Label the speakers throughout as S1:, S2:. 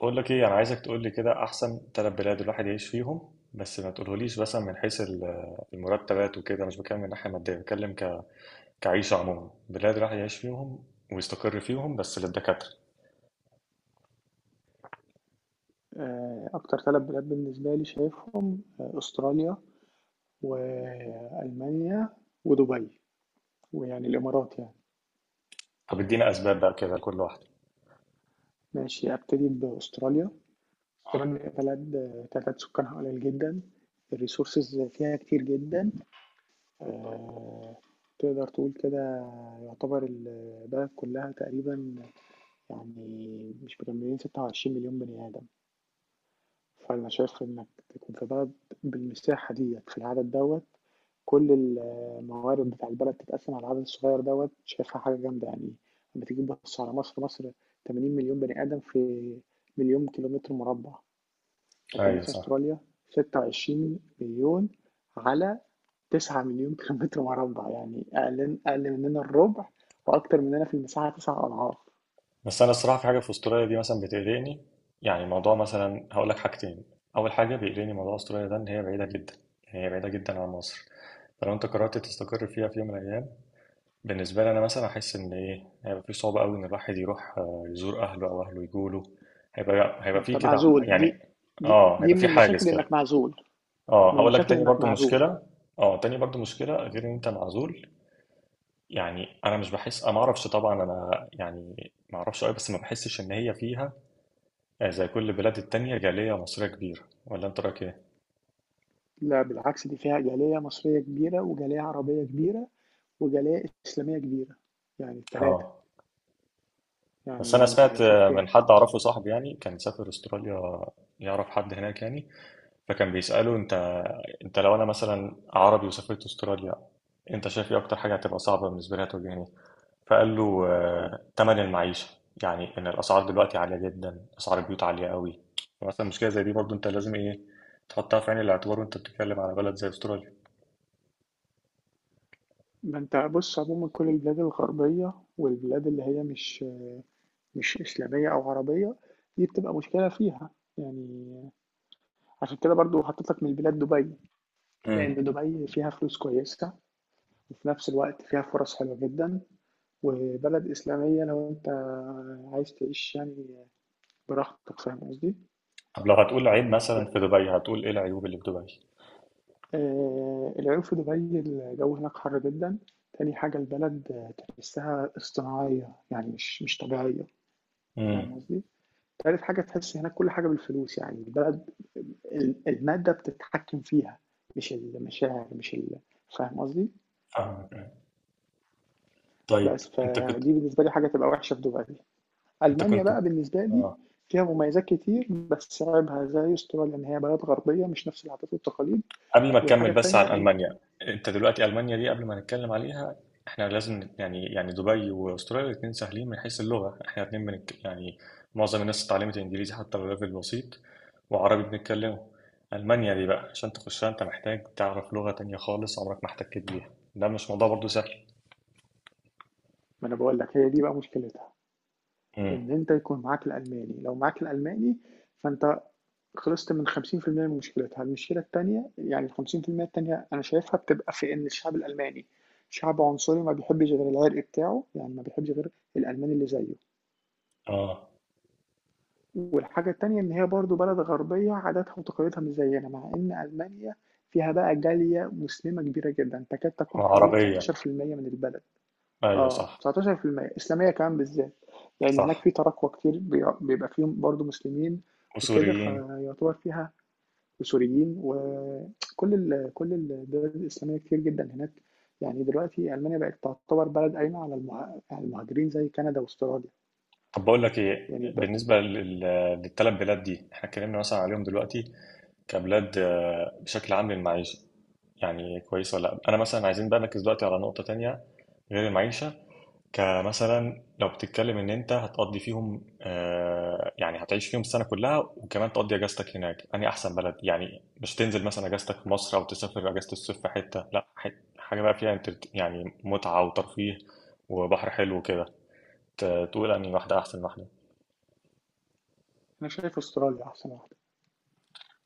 S1: بقول لك ايه، انا عايزك تقول لي كده احسن ثلاث بلاد الواحد يعيش فيهم. بس ما تقولهوليش مثلا من حيث المرتبات وكده. مش بتكلم من ناحيه ماديه، بتكلم كعيشه عموما، بلاد الواحد يعيش فيهم ويستقر فيهم، بس للدكاتره.
S2: أكتر ثلاث بلاد بالنسبة لي شايفهم، أستراليا وألمانيا ودبي، ويعني الإمارات يعني.
S1: طب ادينا اسباب بقى كده لكل واحده.
S2: ماشي، أبتدي بأستراليا. أستراليا بلد، تعداد سكانها قليل جدا، الريسورسز فيها كتير جدا، آه، تقدر تقول كده. يعتبر البلد كلها تقريبا يعني مش مكملين 26 مليون بني آدم. فأنا شايف إنك تكون في بلد بالمساحة ديّة، في العدد دوّة، كل الموارد بتاع البلد تتقسّم على العدد الصغيّر دوّة، شايفها حاجة جامدة يعني. لمّا تيجي تبُص على مصر، مصر 80,000,000 بني آدم في مليون كيلومتر مربع، لكن
S1: ايوه،
S2: مثلًا
S1: صح.
S2: أستراليا 26,000,000 على 9,000,000 كيلومتر مربع، يعني أقل أقل مننا الربع، وأكتر مننا في المساحة 9 أضعاف.
S1: بس انا الصراحه في حاجه في استراليا دي مثلا بتقلقني، يعني موضوع. مثلا هقول لك حاجتين. اول حاجه بيقلقني موضوع استراليا ده ان هي بعيده جدا، يعني هي بعيده جدا عن مصر. فلو انت قررت تستقر فيها في يوم من الايام، بالنسبة لي أنا مثلا أحس إن إيه هيبقى في صعوبة أوي إن الواحد يروح، يزور أهله أو أهله يجوله. هيبقى
S2: ما
S1: هيبقى في
S2: أنت
S1: كده
S2: معزول، دي
S1: يعني.
S2: دي
S1: آه،
S2: دي
S1: هيبقى
S2: من
S1: في
S2: المشاكل
S1: حاجز كده.
S2: إنك معزول.
S1: آه،
S2: من
S1: هقول لك
S2: المشاكل
S1: تاني
S2: إنك
S1: برضو
S2: معزول.
S1: مشكلة. آه، تاني برضو مشكلة غير إن أنت معزول. يعني أنا مش بحس، أنا معرفش طبعا، أنا يعني معرفش أوي، بس ما بحسش إن هي فيها، زي كل البلاد التانية جالية مصرية كبيرة، ولا أنت رأيك إيه؟
S2: لا بالعكس، دي فيها جالية مصرية كبيرة وجالية عربية كبيرة وجالية إسلامية كبيرة، يعني التلاتة.
S1: آه. بس أنا
S2: يعني أنا
S1: سمعت
S2: بشوف
S1: من
S2: كده.
S1: حد أعرفه صاحبي يعني، كان سافر أستراليا، يعرف حد هناك يعني. فكان بيسأله: انت لو انا مثلا عربي وسافرت استراليا، انت شايف ايه اكتر حاجة هتبقى صعبة بالنسبة لي هتواجهني؟ فقال له: تمن المعيشة. يعني ان الاسعار دلوقتي عالية جدا، اسعار البيوت عالية قوي. مثلا مشكلة زي دي برضو انت لازم ايه تحطها في عين الاعتبار وانت بتتكلم على بلد زي استراليا.
S2: ما أنت بص، عموما كل البلاد الغربية والبلاد اللي هي مش إسلامية أو عربية، دي بتبقى مشكلة فيها يعني. عشان كده برضو حطيت لك من البلاد دبي،
S1: امم
S2: لأن دبي فيها فلوس كويسة، وفي نفس الوقت فيها فرص حلوة جدا، وبلد إسلامية لو أنت عايز تعيش يعني براحتك. فاهم قصدي؟
S1: طب لو هتقول
S2: يعني
S1: عيب
S2: من
S1: مثلا
S2: غير،
S1: في دبي هتقول ايه العيوب اللي في دبي؟
S2: العيوب في دبي، الجو هناك حر جدا. تاني حاجة البلد، تحسها اصطناعية يعني مش طبيعية.
S1: امم
S2: فاهم قصدي؟ تالت حاجة تحس هناك كل حاجة بالفلوس، يعني البلد المادة بتتحكم فيها، مش المشاعر، مش فاهم قصدي؟
S1: فاهمك. طيب
S2: بس
S1: انت كنت،
S2: فدي بالنسبة لي حاجة تبقى وحشة في دبي.
S1: انت
S2: ألمانيا
S1: كنت
S2: بقى بالنسبة لي
S1: اه،
S2: فيها مميزات كتير، بس عيبها زي استراليا إن هي بلد غربية، مش نفس العادات والتقاليد.
S1: قبل ما تكمل
S2: والحاجة
S1: بس
S2: التانية
S1: عن
S2: إن،
S1: ألمانيا، انت دلوقتي ألمانيا دي قبل ما نتكلم عليها، احنا لازم يعني دبي واستراليا الاتنين سهلين من حيث اللغة. احنا الاتنين بنك يعني، معظم الناس اتعلمت انجليزي حتى لو ليفل بسيط، وعربي بنتكلمه. ألمانيا دي بقى عشان تخشها انت محتاج تعرف لغة تانية خالص عمرك ما احتكيت بيها. ده مش موضوع برضو سهل.
S2: ما أنا بقول لك، هي دي بقى مشكلتها،
S1: امم
S2: إن أنت يكون معاك الألماني. لو معاك الألماني فأنت خلصت من 50% من مشكلتها. المشكلة التانية، يعني ال 50% التانية، أنا شايفها بتبقى في إن الشعب الألماني شعب عنصري، ما بيحبش غير العرق بتاعه، يعني ما بيحبش غير الألماني اللي زيه.
S1: اه.
S2: والحاجة التانية إن هي برضو بلد غربية، عاداتها وتقاليدها مش زينا، مع إن ألمانيا فيها بقى جالية مسلمة كبيرة جدا، تكاد تكون حوالي
S1: عربية.
S2: 19% من البلد.
S1: ايوه، صح.
S2: 19% إسلامية كمان بالذات، لأن هناك
S1: صح.
S2: في تراكوة كتير بيبقى فيهم برضه مسلمين وكده،
S1: وسوريين.
S2: فيعتبر فيها وسوريين، وكل كل الدول الإسلامية كتير جدا هناك. يعني دلوقتي ألمانيا بقت تعتبر بلد قايمة على المهاجرين زي كندا واستراليا،
S1: طب بقول لك ايه،
S2: يعني بقى.
S1: بالنسبة للتلات بلاد دي احنا اتكلمنا مثلا عليهم دلوقتي كبلاد، بشكل عام للمعيشة، يعني كويسة ولا لأ؟ أنا مثلا عايزين بقى نركز دلوقتي على نقطة تانية غير المعيشة. كمثلا لو بتتكلم إن أنت هتقضي فيهم، يعني هتعيش فيهم السنة كلها وكمان تقضي أجازتك هناك، أنهي أحسن بلد؟ يعني مش تنزل مثلا أجازتك في مصر أو تسافر أجازة الصيف في حتة، لأ، حاجة بقى فيها يعني متعة وترفيه وبحر حلو كده. تقول أنهي واحدة أحسن واحدة.
S2: أنا شايف استراليا أحسن واحدة،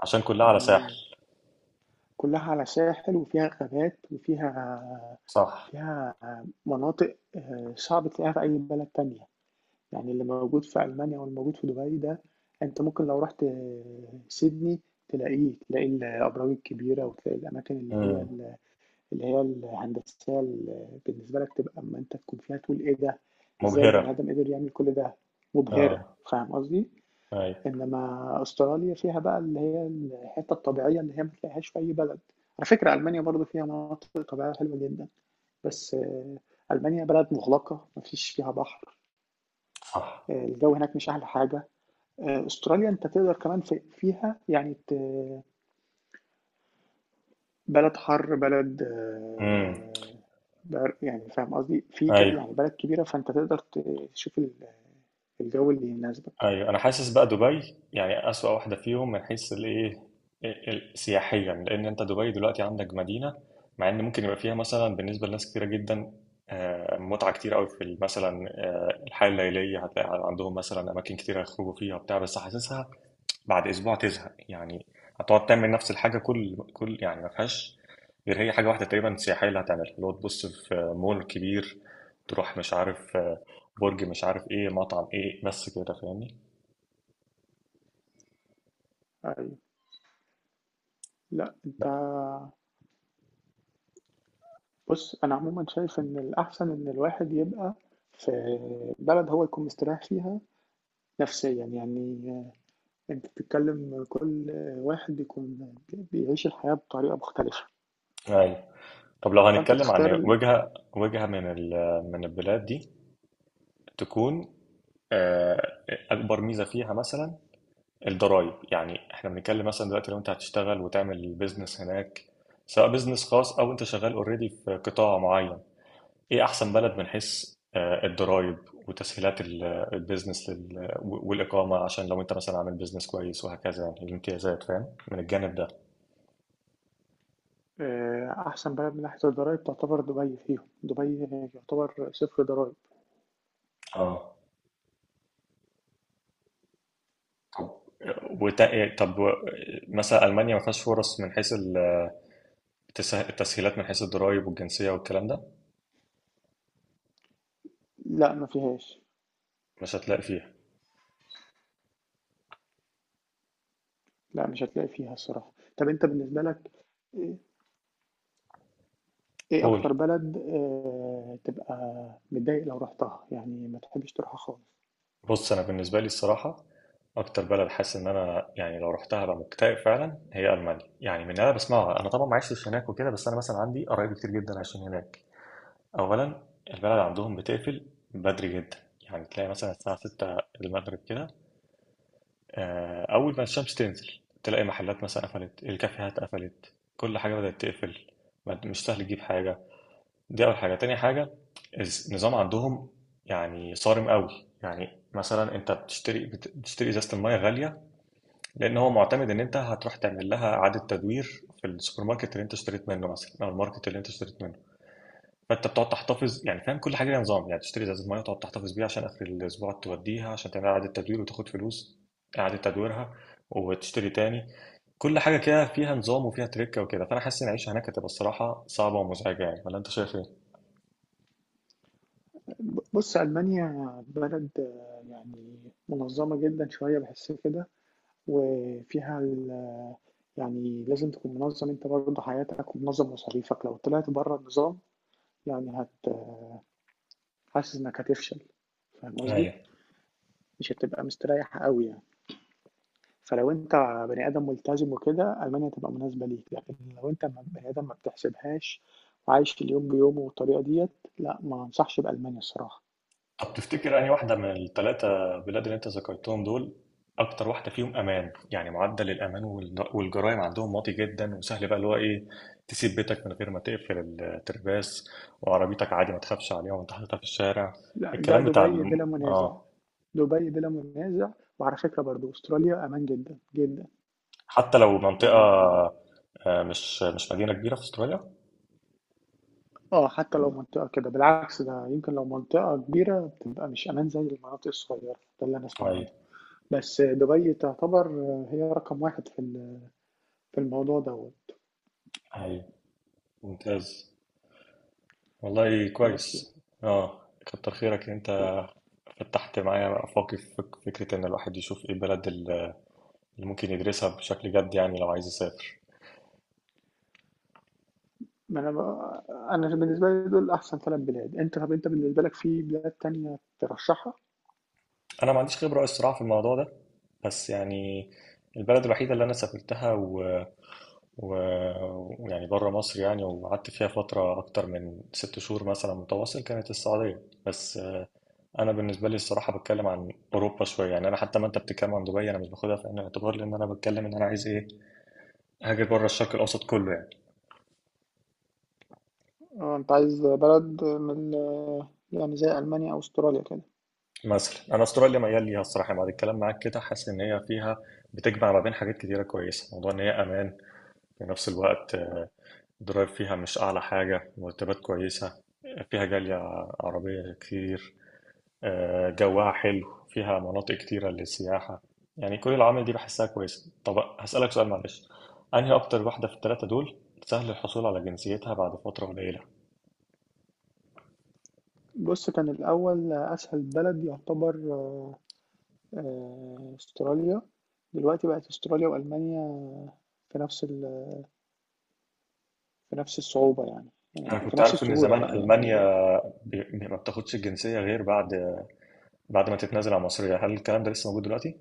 S1: عشان كلها على ساحل.
S2: يعني كلها على ساحل، وفيها غابات، وفيها
S1: صح.
S2: فيها مناطق، صعب تلاقيها في أي بلد تانية. يعني اللي موجود في ألمانيا واللي موجود في دبي ده، أنت ممكن لو رحت سيدني تلاقي الأبراج الكبيرة، وتلاقي الأماكن اللي هي،
S1: مم.
S2: الهندسية، اللي بالنسبة لك تبقى أما أنت تكون فيها تقول: إيه ده؟ إزاي البني
S1: مبهرة.
S2: آدم قدر يعمل كل ده؟ مبهرة.
S1: اه.
S2: فاهم قصدي؟
S1: أي.
S2: إنما أستراليا فيها بقى اللي هي الحتة الطبيعية اللي هي ما تلاقيهاش في أي بلد. على فكرة ألمانيا برضو فيها مناطق طبيعية حلوة جدا، بس ألمانيا بلد مغلقة، مفيش فيها بحر.
S1: صح.
S2: الجو هناك مش أحلى حاجة. استراليا انت تقدر كمان في فيها يعني بلد حر، بلد
S1: امم
S2: يعني فاهم قصدي، في
S1: ايوه.
S2: يعني بلد كبيرة، فانت تقدر تشوف الجو اللي يناسبك.
S1: ايوه، انا حاسس بقى دبي يعني اسوأ واحده فيهم من حيث الايه، سياحيا. لان انت دبي دلوقتي عندك مدينه، مع ان ممكن يبقى فيها مثلا بالنسبه لناس كتيره جدا متعه كتير قوي في مثلا الحياه الليليه، هتلاقي عندهم مثلا اماكن كتيره يخرجوا فيها وبتاع، بس حاسسها بعد اسبوع تزهق يعني. هتقعد تعمل نفس الحاجه كل يعني. ما فيهاش غير هي حاجه واحده تقريبا سياحيه اللي هتعملها، اللي هو تبص في مول كبير، تروح مش عارف برج مش عارف ايه، مطعم ايه، بس كده، فاهمني؟
S2: ايوه. لا انت بص، انا عموما شايف ان الاحسن ان الواحد يبقى في بلد هو يكون مستريح فيها نفسيا، يعني انت بتتكلم، كل واحد يكون بيعيش الحياة بطريقة مختلفة،
S1: ايوه. طب لو
S2: فانت
S1: هنتكلم عن
S2: تختار.
S1: وجهة من من البلاد دي، تكون آه، اكبر ميزة فيها مثلا الضرايب. يعني احنا بنتكلم مثلا دلوقتي لو انت هتشتغل وتعمل بيزنس هناك، سواء بيزنس خاص او انت شغال اوريدي في قطاع معين، ايه احسن بلد من حيث الضرايب وتسهيلات البيزنس والاقامه؟ عشان لو انت مثلا عامل بيزنس كويس وهكذا يعني الامتيازات، فاهم من الجانب ده؟
S2: أحسن بلد من ناحية الضرايب تعتبر دبي. فيهم دبي يعتبر صفر ضرايب.
S1: اه. طب طب مثلا المانيا ما فيهاش فرص من حيث التسهيلات من حيث الضرايب والجنسيه والكلام ده؟
S2: لا ما فيهاش.
S1: مش هتلاقي فيها؟
S2: لا مش هتلاقي فيها الصراحة. طب أنت بالنسبة لك إيه إيه
S1: قول.
S2: أكتر بلد تبقى متضايق لو رحتها، يعني ما تحبش تروحها خالص؟
S1: بص انا بالنسبه لي الصراحه، اكتر بلد حاسس ان انا يعني لو رحتها هبقى مكتئب فعلا هي المانيا، يعني من اللي انا بسمعها. انا طبعا ما عشتش هناك وكده، بس انا مثلا عندي قرايب كتير جدا عايشين هناك. أولا البلد عندهم بتقفل بدري جدا. يعني تلاقي مثلا الساعة 6 المغرب كده، أول ما الشمس تنزل، تلاقي محلات مثلا قفلت، الكافيهات قفلت، كل حاجة بدأت تقفل. مش سهل تجيب حاجة. دي أول حاجة. تاني حاجة النظام عندهم يعني صارم قوي. يعني مثلا انت بتشتري ازازه الميه غاليه لان هو معتمد ان انت هتروح تعمل لها اعاده تدوير في السوبر ماركت اللي انت اشتريت منه مثلا، او الماركت اللي انت اشتريت منه. فانت بتقعد تحتفظ يعني، فاهم؟ كل حاجه ليها نظام. يعني تشتري ازازه ميه وتقعد تحتفظ بيها عشان اخر الاسبوع توديها عشان تعمل اعاده تدوير وتاخد فلوس اعاده تدويرها، وتشتري تاني. كل حاجه كده فيها نظام وفيها تريكه وكده، فانا حاسس ان العيشه هناك هتبقى الصراحه صعبه ومزعجه يعني، ولا انت شايف ايه؟
S2: بص ألمانيا بلد، يعني منظمة جدا شوية، بحس كده، وفيها يعني لازم تكون منظم أنت برضه حياتك ومنظم مصاريفك، لو طلعت بره النظام يعني حاسس إنك هتفشل. فاهم قصدي؟
S1: ايوه.
S2: مش هتبقى مستريّح أوي يعني. فلو أنت بني آدم ملتزم وكده، ألمانيا هتبقى مناسبة ليك، لكن لو أنت بني آدم ما بتحسبهاش، وعايش في اليوم بيومه والطريقة ديّة، لأ ما أنصحش بألمانيا الصراحة.
S1: طب تفتكر أنهي واحدة من الثلاثة بلاد اللي أنت ذكرتهم دول أكتر واحدة فيهم أمان؟ يعني معدل الأمان والجرائم عندهم واطي جدا، وسهل بقى اللي هو إيه، تسيب بيتك من غير ما تقفل الترباس، وعربيتك عادي ما تخافش عليها وأنت حاططها في الشارع،
S2: لأ، ده
S1: الكلام بتاع
S2: دبي بلا منازع.
S1: آه.
S2: دبي بلا منازع. وعلى فكرة برضه أستراليا أمان جدًا، جدًا،
S1: حتى لو
S2: يعني.
S1: منطقة مش مدينة كبيرة في أستراليا؟
S2: حتى لو منطقة كده، بالعكس، ده يمكن لو منطقة كبيرة بتبقى مش أمان زي المناطق الصغيّرة، ده اللي أنا أسمع عنه.
S1: أيوه.
S2: بس دبي تعتبر هي رقم 1 في في الموضوع دوّة.
S1: أيوه، ممتاز، والله
S2: بس.
S1: كويس. آه. كتر خيرك إن
S2: لأ.
S1: أنت فتحت معايا آفاقي في فكرة إن الواحد يشوف إيه بلد اللي ممكن يدرسها بشكل جد يعني لو عايز يسافر.
S2: ما أنا بقى، أنا بالنسبة لي دول أحسن 3 بلاد. طَب أنت بالنسبة لك في بلاد تانية ترشّحها؟
S1: انا ما عنديش خبرة الصراحة في الموضوع ده. بس يعني البلد الوحيدة اللي انا سافرتها و... ويعني بره مصر يعني، وقعدت فيها فترة اكتر من 6 شهور مثلا متواصل، كانت السعودية بس. انا بالنسبة لي الصراحة بتكلم عن اوروبا شوية يعني. انا حتى ما انت بتتكلم عن دبي انا مش باخدها في عين الاعتبار، لان انا بتكلم ان انا عايز ايه، هاجر بره الشرق الاوسط كله يعني.
S2: أنت عايز بلد من يعني زي ألمانيا أو أستراليا كده.
S1: مثلا انا استراليا ميال ليها الصراحة، يعني بعد الكلام معاك كده حاسس ان هي فيها، بتجمع ما بين حاجات كتيرة كويسة، موضوع ان هي امان، في نفس الوقت الضرايب فيها مش أعلى حاجة، مرتبات كويسة، فيها جالية عربية كتير، جواها حلو، فيها مناطق كتيرة للسياحة، يعني كل العوامل دي بحسها كويسة. طب هسألك سؤال معلش: أنهي أكتر واحدة في التلاتة دول سهل الحصول على جنسيتها بعد فترة قليلة؟
S2: بُص، كان الأول أسهل بلد يعتبر أستراليا. دلوقتي بقت أستراليا وألمانيا في نفس ال في نفس الصعوبة يعني، يعني
S1: أنا
S2: في
S1: كنت
S2: نفس
S1: عارف إن
S2: السهولة
S1: زمان
S2: بقى يعني.
S1: ألمانيا ما بتاخدش الجنسية غير بعد ما تتنازل عن مصرية. هل الكلام ده لسه موجود دلوقتي؟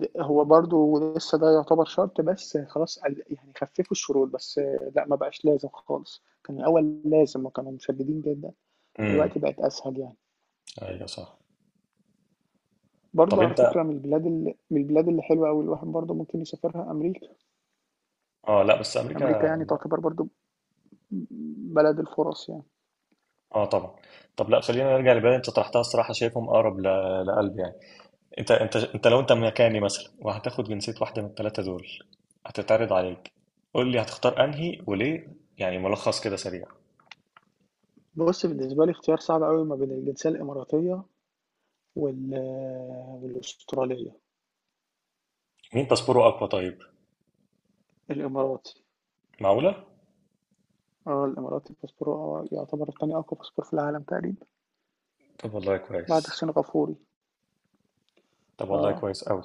S2: هو برضه لسه ده يعتبر شرط، بس خلاص، قل يعني خفّفوا الشروط، بس لأ، ما بقاش لازم خالص. كان الأول لازم وكانوا مشدّدين جدًا،
S1: امم
S2: دلوقتي بقت أسهل يعني.
S1: أيوه، صح. طب
S2: برضه على
S1: أنت،
S2: فكرة من البلاد اللي حلوة أوي، الواحد برضه ممكن يسافرها أمريكا.
S1: آه لا، بس
S2: أمريكا
S1: أمريكا.
S2: يعني تعتبر برضه بلد الفُرَص يعني.
S1: اه طبعا. طب لا، خلينا نرجع لبلد انت طرحتها الصراحه، شايفهم اقرب لقلبي يعني. انت لو انت مكاني مثلا وهتاخد جنسيه واحده من الثلاثه دول هتتعرض عليك، قول لي هتختار انهي وليه، يعني ملخص كده سريع.
S2: بُص بالنسبة لي اختيار صعب أوي ما بين الجنسية الإماراتية وال والأسترالية.
S1: مين تصبره اقوى طيب؟
S2: الإماراتي
S1: معقوله.
S2: الإماراتي باسبوره يعتبر تاني أقوى باسبور في العالم تقريبًا
S1: طب والله
S2: بعد
S1: كويس.
S2: السنغافوري.
S1: طب والله
S2: آه.
S1: كويس قوي.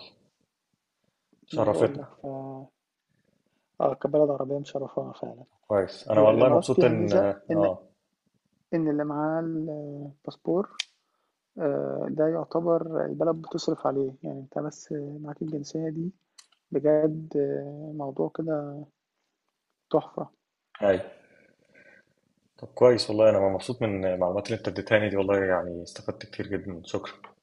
S2: ما أنا باقول لك
S1: شرفتنا.
S2: كبلد عربية مشرّفانا فعلًا.
S1: كويس، انا
S2: هي
S1: والله
S2: الإمارات
S1: مبسوط
S2: فيها
S1: ان
S2: ميزة إن
S1: اه.
S2: إن اللي معاه الباسبور، ده يعتبر البلد بتصرف عليه، يعني أنت بس معاك الجنسية دي بجد، موضوع كده تحفة.
S1: هاي. طب كويس، والله انا مبسوط من المعلومات اللي انت اديتها لي دي والله، يعني استفدت كتير جدا، شكرا.